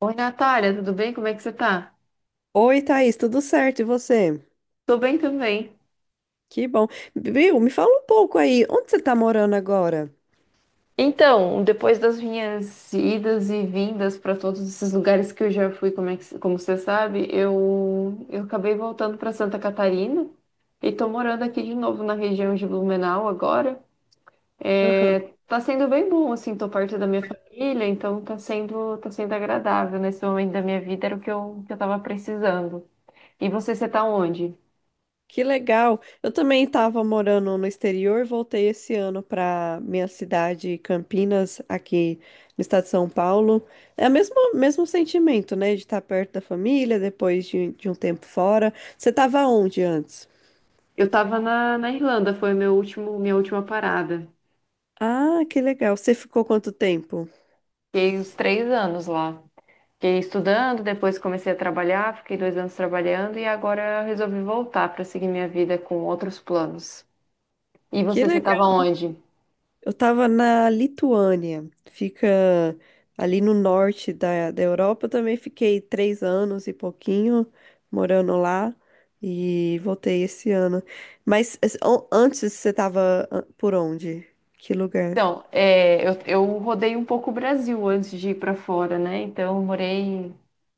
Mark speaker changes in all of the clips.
Speaker 1: Oi, Natália, tudo bem? Como é que você tá?
Speaker 2: Oi, Thaís, tudo certo? E você?
Speaker 1: Tô bem também.
Speaker 2: Que bom. Viu? Me fala um pouco aí, onde você tá morando agora?
Speaker 1: Então, depois das minhas idas e vindas para todos esses lugares que eu já fui, como você sabe, eu acabei voltando para Santa Catarina e tô morando aqui de novo na região de Blumenau agora. É,
Speaker 2: Aham.
Speaker 1: tá sendo bem bom, assim, tô perto da minha família, então tá sendo agradável nesse momento da minha vida, era o que eu tava precisando. E você, você tá onde?
Speaker 2: Que legal. Eu também estava morando no exterior, voltei esse ano para minha cidade, Campinas, aqui no estado de São Paulo. É o mesmo, mesmo sentimento, né? De estar perto da família depois de um tempo fora. Você estava onde antes?
Speaker 1: Eu tava na Irlanda, foi meu último, minha última parada.
Speaker 2: Ah, que legal. Você ficou quanto tempo?
Speaker 1: Fiquei uns 3 anos lá. Fiquei estudando, depois comecei a trabalhar, fiquei 2 anos trabalhando e agora eu resolvi voltar para seguir minha vida com outros planos. E
Speaker 2: Que
Speaker 1: você, você estava
Speaker 2: legal.
Speaker 1: onde?
Speaker 2: Eu estava na Lituânia, fica ali no norte da Europa. Eu também fiquei três anos e pouquinho morando lá e voltei esse ano. Mas antes você estava por onde? Que lugar?
Speaker 1: Então, eu rodei um pouco o Brasil antes de ir para fora, né? Então, eu morei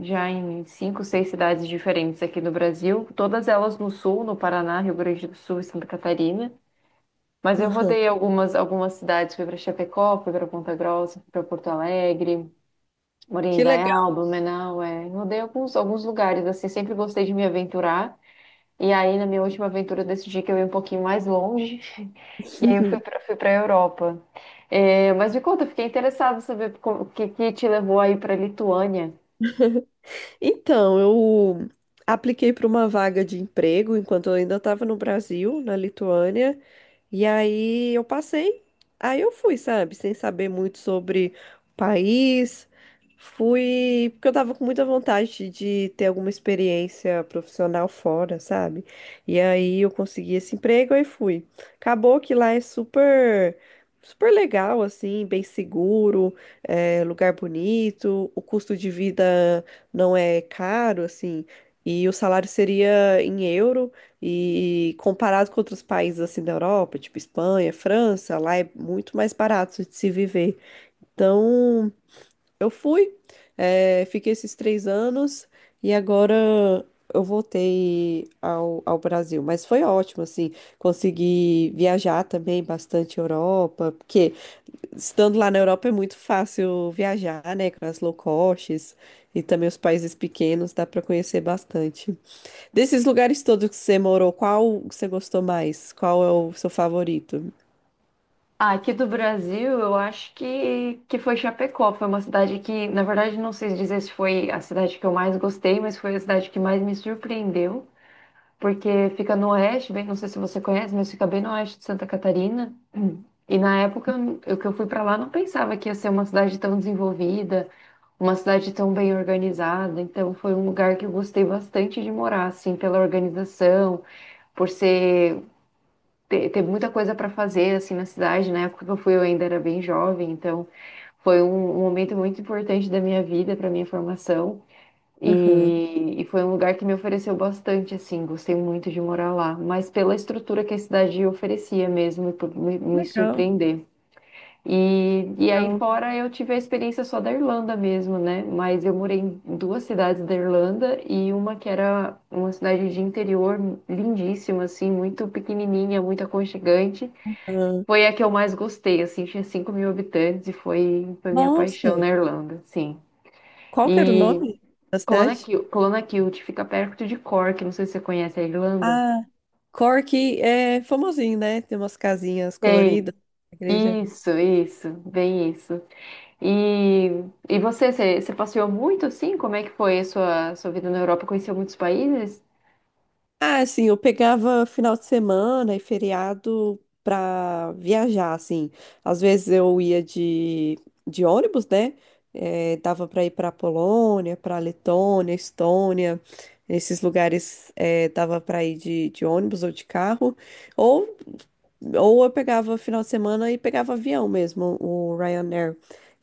Speaker 1: já em cinco, seis cidades diferentes aqui no Brasil, todas elas no sul, no Paraná, Rio Grande do Sul e Santa Catarina. Mas eu
Speaker 2: Aham.
Speaker 1: rodei algumas cidades, fui para Chapecó, fui para Ponta Grossa, fui para Porto Alegre.
Speaker 2: Que
Speaker 1: Morindaial,
Speaker 2: legal.
Speaker 1: Blumenau, é. Rodei alguns lugares, assim, sempre gostei de me aventurar. E aí, na minha última aventura, eu decidi que eu ia um pouquinho mais longe. E aí, eu fui
Speaker 2: Uhum.
Speaker 1: para fui para a Europa. É, mas me conta, eu fiquei interessada em saber o que, que te levou aí para a Lituânia.
Speaker 2: Então, eu apliquei para uma vaga de emprego enquanto eu ainda estava no Brasil, na Lituânia. E aí eu passei, aí eu fui, sabe, sem saber muito sobre o país. Fui, porque eu tava com muita vontade de ter alguma experiência profissional fora, sabe? E aí eu consegui esse emprego e fui. Acabou que lá é super, super legal, assim, bem seguro, é, lugar bonito, o custo de vida não é caro, assim, e o salário seria em euro. E comparado com outros países assim da Europa, tipo Espanha, França, lá é muito mais barato de se viver. Então, eu fui, fiquei esses três anos e agora eu voltei ao Brasil. Mas foi ótimo, assim, consegui viajar também bastante Europa, porque estando lá na Europa é muito fácil viajar, né, com as low costs e também os países pequenos, dá para conhecer bastante. Desses lugares todos que você morou, qual você gostou mais? Qual é o seu favorito?
Speaker 1: Ah, aqui do Brasil, eu acho que foi Chapecó. Foi uma cidade que, na verdade, não sei dizer se foi a cidade que eu mais gostei, mas foi a cidade que mais me surpreendeu, porque fica no oeste, bem, não sei se você conhece, mas fica bem no oeste de Santa Catarina. E na época eu que eu fui para lá não pensava que ia ser uma cidade tão desenvolvida, uma cidade tão bem organizada. Então foi um lugar que eu gostei bastante de morar, assim, pela organização, por ser ter, ter muita coisa para fazer assim na cidade. Na época que eu fui eu ainda era bem jovem, então foi um momento muito importante da minha vida, para minha formação.
Speaker 2: Aham.
Speaker 1: E foi um lugar que me ofereceu bastante, assim, gostei muito de morar lá, mas pela estrutura que a cidade oferecia mesmo, e por me
Speaker 2: Legal,
Speaker 1: surpreender. E aí
Speaker 2: legal.
Speaker 1: fora eu tive a experiência só da Irlanda mesmo, né? Mas eu morei em duas cidades da Irlanda e uma que era uma cidade de interior lindíssima, assim, muito pequenininha, muito aconchegante.
Speaker 2: Ah,
Speaker 1: Foi a que eu mais gostei, assim, tinha 5 mil habitantes e foi, foi minha paixão
Speaker 2: nossa,
Speaker 1: na Irlanda, sim.
Speaker 2: qual que era o
Speaker 1: E
Speaker 2: nome da
Speaker 1: Colona
Speaker 2: cidade?
Speaker 1: Kilt, Colona Kilt fica perto de Cork, não sei se você conhece a Irlanda.
Speaker 2: Ah, Cork é famosinho, né? Tem umas casinhas
Speaker 1: Tem.
Speaker 2: coloridas na igreja.
Speaker 1: Isso, bem isso. E, e você, você passeou muito assim? Como é que foi a sua, sua vida na Europa? Conheceu muitos países?
Speaker 2: Ah, assim, eu pegava final de semana e feriado pra viajar, assim. Às vezes eu ia de ônibus, né? Dava pra ir pra Polônia, pra Letônia, Estônia. Esses lugares dava pra ir de ônibus ou de carro. Ou ou eu pegava final de semana e pegava avião mesmo, o Ryanair.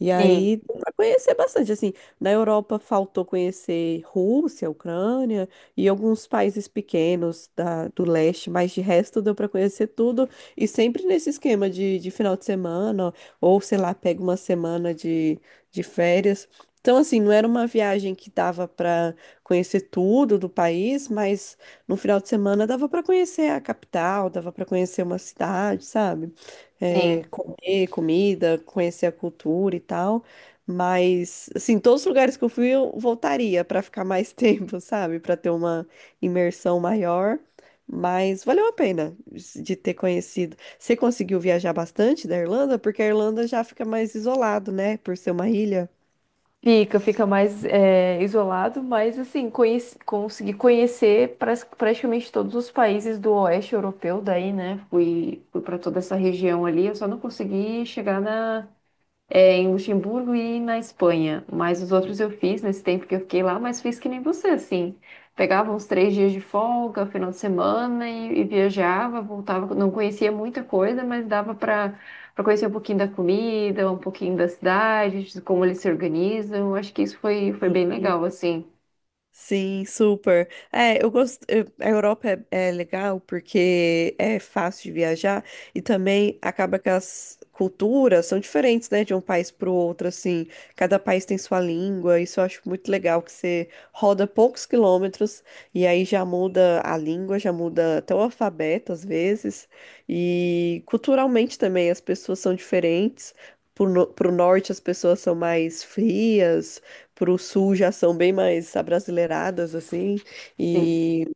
Speaker 2: E
Speaker 1: Sim,
Speaker 2: aí, deu pra conhecer bastante, assim, na Europa faltou conhecer Rússia, Ucrânia e alguns países pequenos do leste, mas de resto deu pra conhecer tudo. E sempre nesse esquema de final de semana, ou sei lá, pega uma semana de férias. Então, assim, não era uma viagem que dava pra conhecer tudo do país, mas no final de semana dava para conhecer a capital, dava para conhecer uma cidade, sabe? É,
Speaker 1: sim.
Speaker 2: comer comida, conhecer a cultura e tal. Mas, assim, todos os lugares que eu fui, eu voltaria para ficar mais tempo, sabe? Para ter uma imersão maior. Mas valeu a pena de ter conhecido. Você conseguiu viajar bastante da Irlanda? Porque a Irlanda já fica mais isolado, né? Por ser uma ilha.
Speaker 1: Fica, fica mais isolado, mas assim, conheci, consegui conhecer praticamente todos os países do oeste europeu daí, né? Fui, fui para toda essa região ali, eu só não consegui chegar na, é, em Luxemburgo e na Espanha. Mas os outros eu fiz nesse tempo que eu fiquei lá, mas fiz que nem você, assim. Pegava uns 3 dias de folga, final de semana e viajava, voltava. Não conhecia muita coisa, mas dava para para conhecer um pouquinho da comida, um pouquinho da cidade, de como eles se organizam. Acho que isso foi, foi bem legal, assim.
Speaker 2: Sim, super. É, eu gosto. A Europa é legal porque é fácil de viajar e também acaba que as culturas são diferentes, né, de um país para o outro. Assim, cada país tem sua língua. Isso eu acho muito legal que você roda poucos quilômetros e aí já muda a língua, já muda até o alfabeto às vezes. E culturalmente também as pessoas são diferentes. Pro, no- Pro norte as pessoas são mais frias, pro sul já são bem mais abrasileiradas, assim,
Speaker 1: Sim.
Speaker 2: e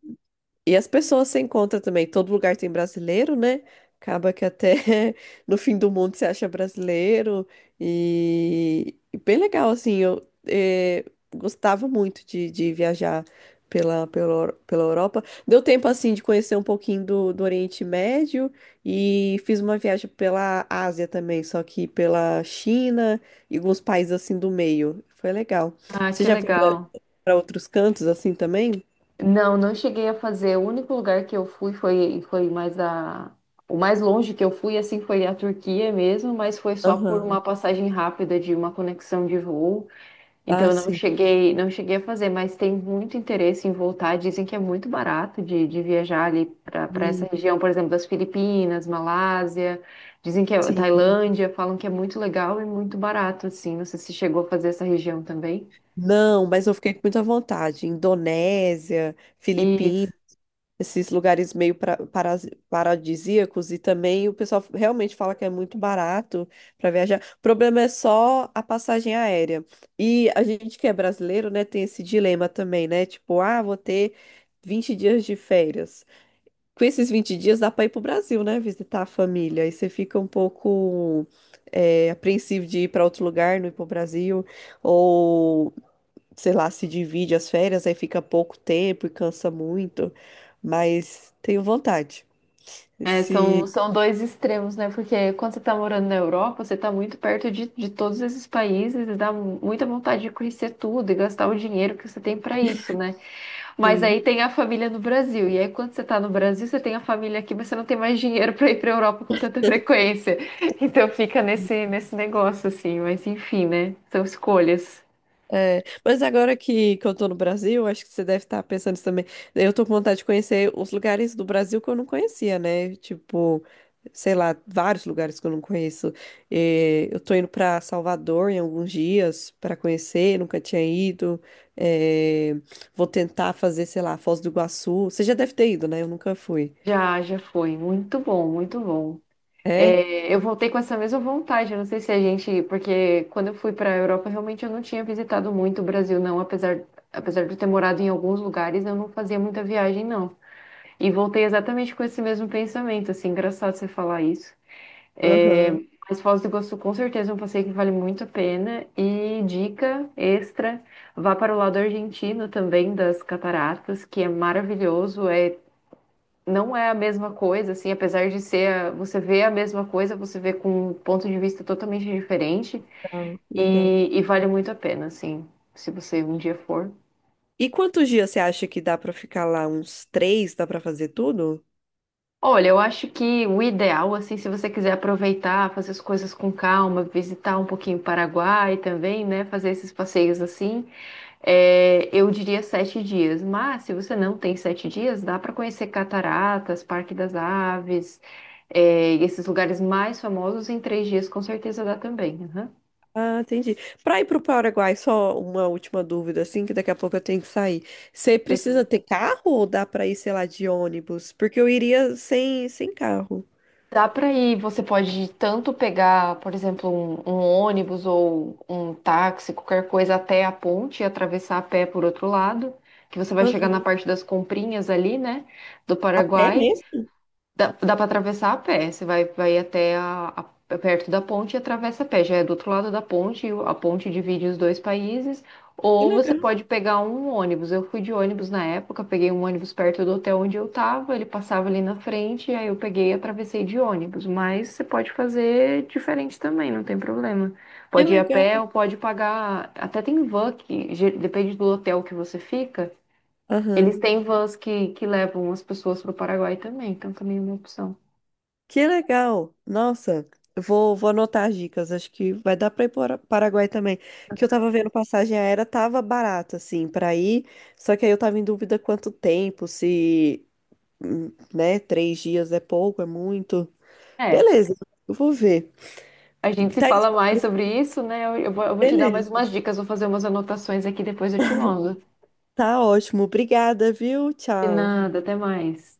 Speaker 2: as pessoas se encontram também. Todo lugar tem brasileiro, né? Acaba que até no fim do mundo se acha brasileiro. E bem legal, assim. Eu gostava muito de viajar pela Europa. Deu tempo, assim, de conhecer um pouquinho do Oriente Médio. E fiz uma viagem pela Ásia também, só que pela China e alguns países, assim, do meio. Foi legal.
Speaker 1: Ah,
Speaker 2: Você
Speaker 1: que
Speaker 2: já foi
Speaker 1: legal.
Speaker 2: para outros cantos, assim, também?
Speaker 1: Não, não cheguei a fazer. O único lugar que eu fui foi, foi mais a. O mais longe que eu fui, assim, foi a Turquia mesmo, mas foi só por uma
Speaker 2: Aham.
Speaker 1: passagem rápida de uma conexão de voo. Então,
Speaker 2: Ah,
Speaker 1: eu não
Speaker 2: sim.
Speaker 1: cheguei, não cheguei a fazer, mas tem muito interesse em voltar. Dizem que é muito barato de viajar ali para essa
Speaker 2: E-
Speaker 1: região, por exemplo, das Filipinas, Malásia. Dizem que é
Speaker 2: Sim.
Speaker 1: Tailândia, falam que é muito legal e muito barato, assim. Não sei se chegou a fazer essa região também.
Speaker 2: Não, mas eu fiquei com muita vontade. Indonésia, Filipinas,
Speaker 1: Isso.
Speaker 2: esses lugares meio paradisíacos e também o pessoal realmente fala que é muito barato para viajar. O problema é só a passagem aérea. E a gente que é brasileiro, né, tem esse dilema também, né? Tipo, ah, vou ter 20 dias de férias. Com esses 20 dias dá para ir pro Brasil, né? Visitar a família. Aí você fica um pouco é, apreensivo de ir para outro lugar, não ir pro Brasil. Ou, sei lá, se divide as férias, aí fica pouco tempo e cansa muito. Mas tenho vontade.
Speaker 1: É, são,
Speaker 2: Se,
Speaker 1: são dois extremos, né? Porque quando você está morando na Europa, você está muito perto de todos esses países e dá muita vontade de conhecer tudo e gastar o dinheiro que você tem para isso, né? Mas
Speaker 2: Sim.
Speaker 1: aí tem a família no Brasil. E aí, quando você está no Brasil, você tem a família aqui, mas você não tem mais dinheiro para ir para a Europa com tanta frequência. Então fica nesse, nesse negócio, assim. Mas enfim, né? São escolhas.
Speaker 2: É, mas agora que eu tô no Brasil, acho que você deve estar pensando isso também. Eu tô com vontade de conhecer os lugares do Brasil que eu não conhecia, né? Tipo, sei lá, vários lugares que eu não conheço. É, eu tô indo pra Salvador em alguns dias pra conhecer, nunca tinha ido. É, vou tentar fazer, sei lá, Foz do Iguaçu. Você já deve ter ido, né? Eu nunca fui.
Speaker 1: Já, já foi. Muito bom, muito bom.
Speaker 2: É?
Speaker 1: É, eu voltei com essa mesma vontade. Eu não sei se a gente, porque quando eu fui para a Europa, realmente eu não tinha visitado muito o Brasil, não. Apesar, apesar de eu ter morado em alguns lugares, eu não fazia muita viagem, não. E voltei exatamente com esse mesmo pensamento, assim, engraçado você falar isso. É,
Speaker 2: Aham,
Speaker 1: mas Foz do Iguaçu, com certeza, é um passeio que vale muito a pena. E dica extra, vá para o lado argentino também das cataratas, que é maravilhoso. É não é a mesma coisa, assim, apesar de ser, você vê a mesma coisa, você vê com um ponto de vista totalmente diferente
Speaker 2: legal, legal.
Speaker 1: e vale muito a pena, assim, se você um dia for.
Speaker 2: E quantos dias você acha que dá pra ficar lá? Uns três? Dá pra fazer tudo?
Speaker 1: Olha, eu acho que o ideal, assim, se você quiser aproveitar, fazer as coisas com calma, visitar um pouquinho o Paraguai também, né, fazer esses passeios assim, é, eu diria 7 dias, mas se você não tem 7 dias, dá para conhecer cataratas, Parque das Aves, é, e esses lugares mais famosos em 3 dias, com certeza dá também. Aham.
Speaker 2: Ah, entendi. Para ir para o Paraguai, só uma última dúvida, assim, que daqui a pouco eu tenho que sair. Você
Speaker 1: Sem
Speaker 2: precisa
Speaker 1: problema.
Speaker 2: ter carro ou dá para ir, sei lá, de ônibus? Porque eu iria sem carro.
Speaker 1: Dá para ir, você pode tanto pegar, por exemplo, um ônibus ou um táxi, qualquer coisa, até a ponte e atravessar a pé por outro lado, que você vai chegar na
Speaker 2: Aham.
Speaker 1: parte das comprinhas ali, né, do
Speaker 2: A pé
Speaker 1: Paraguai.
Speaker 2: mesmo?
Speaker 1: Dá, dá para atravessar a pé. Você vai, vai até perto da ponte e atravessa a pé. Já é do outro lado da ponte, e a ponte divide os dois países.
Speaker 2: Que
Speaker 1: Ou você
Speaker 2: legal,
Speaker 1: pode pegar um ônibus. Eu fui de ônibus na época, peguei um ônibus perto do hotel onde eu tava, ele passava ali na frente, aí eu peguei e atravessei de ônibus. Mas você pode fazer diferente também, não tem problema.
Speaker 2: que
Speaker 1: Pode ir a
Speaker 2: legal.
Speaker 1: pé ou pode pagar. Até tem van que depende do hotel que você fica, eles
Speaker 2: Aham.
Speaker 1: têm vans que levam as pessoas para o Paraguai também, então também é uma opção.
Speaker 2: Que legal. Nossa, eu vou, vou anotar as dicas. Acho que vai dar para ir para Paraguai também. Que eu tava vendo passagem aérea, tava barata assim, para ir. Só que aí eu tava em dúvida quanto tempo, se, né, três dias é pouco, é muito.
Speaker 1: É,
Speaker 2: Beleza, eu vou ver.
Speaker 1: a gente se
Speaker 2: Tá,
Speaker 1: fala mais sobre isso, né? Eu vou, eu vou te dar mais
Speaker 2: beleza.
Speaker 1: umas dicas, vou fazer umas anotações aqui, depois eu te mando.
Speaker 2: Tá ótimo. Obrigada, viu?
Speaker 1: De
Speaker 2: Tchau.
Speaker 1: nada, até mais.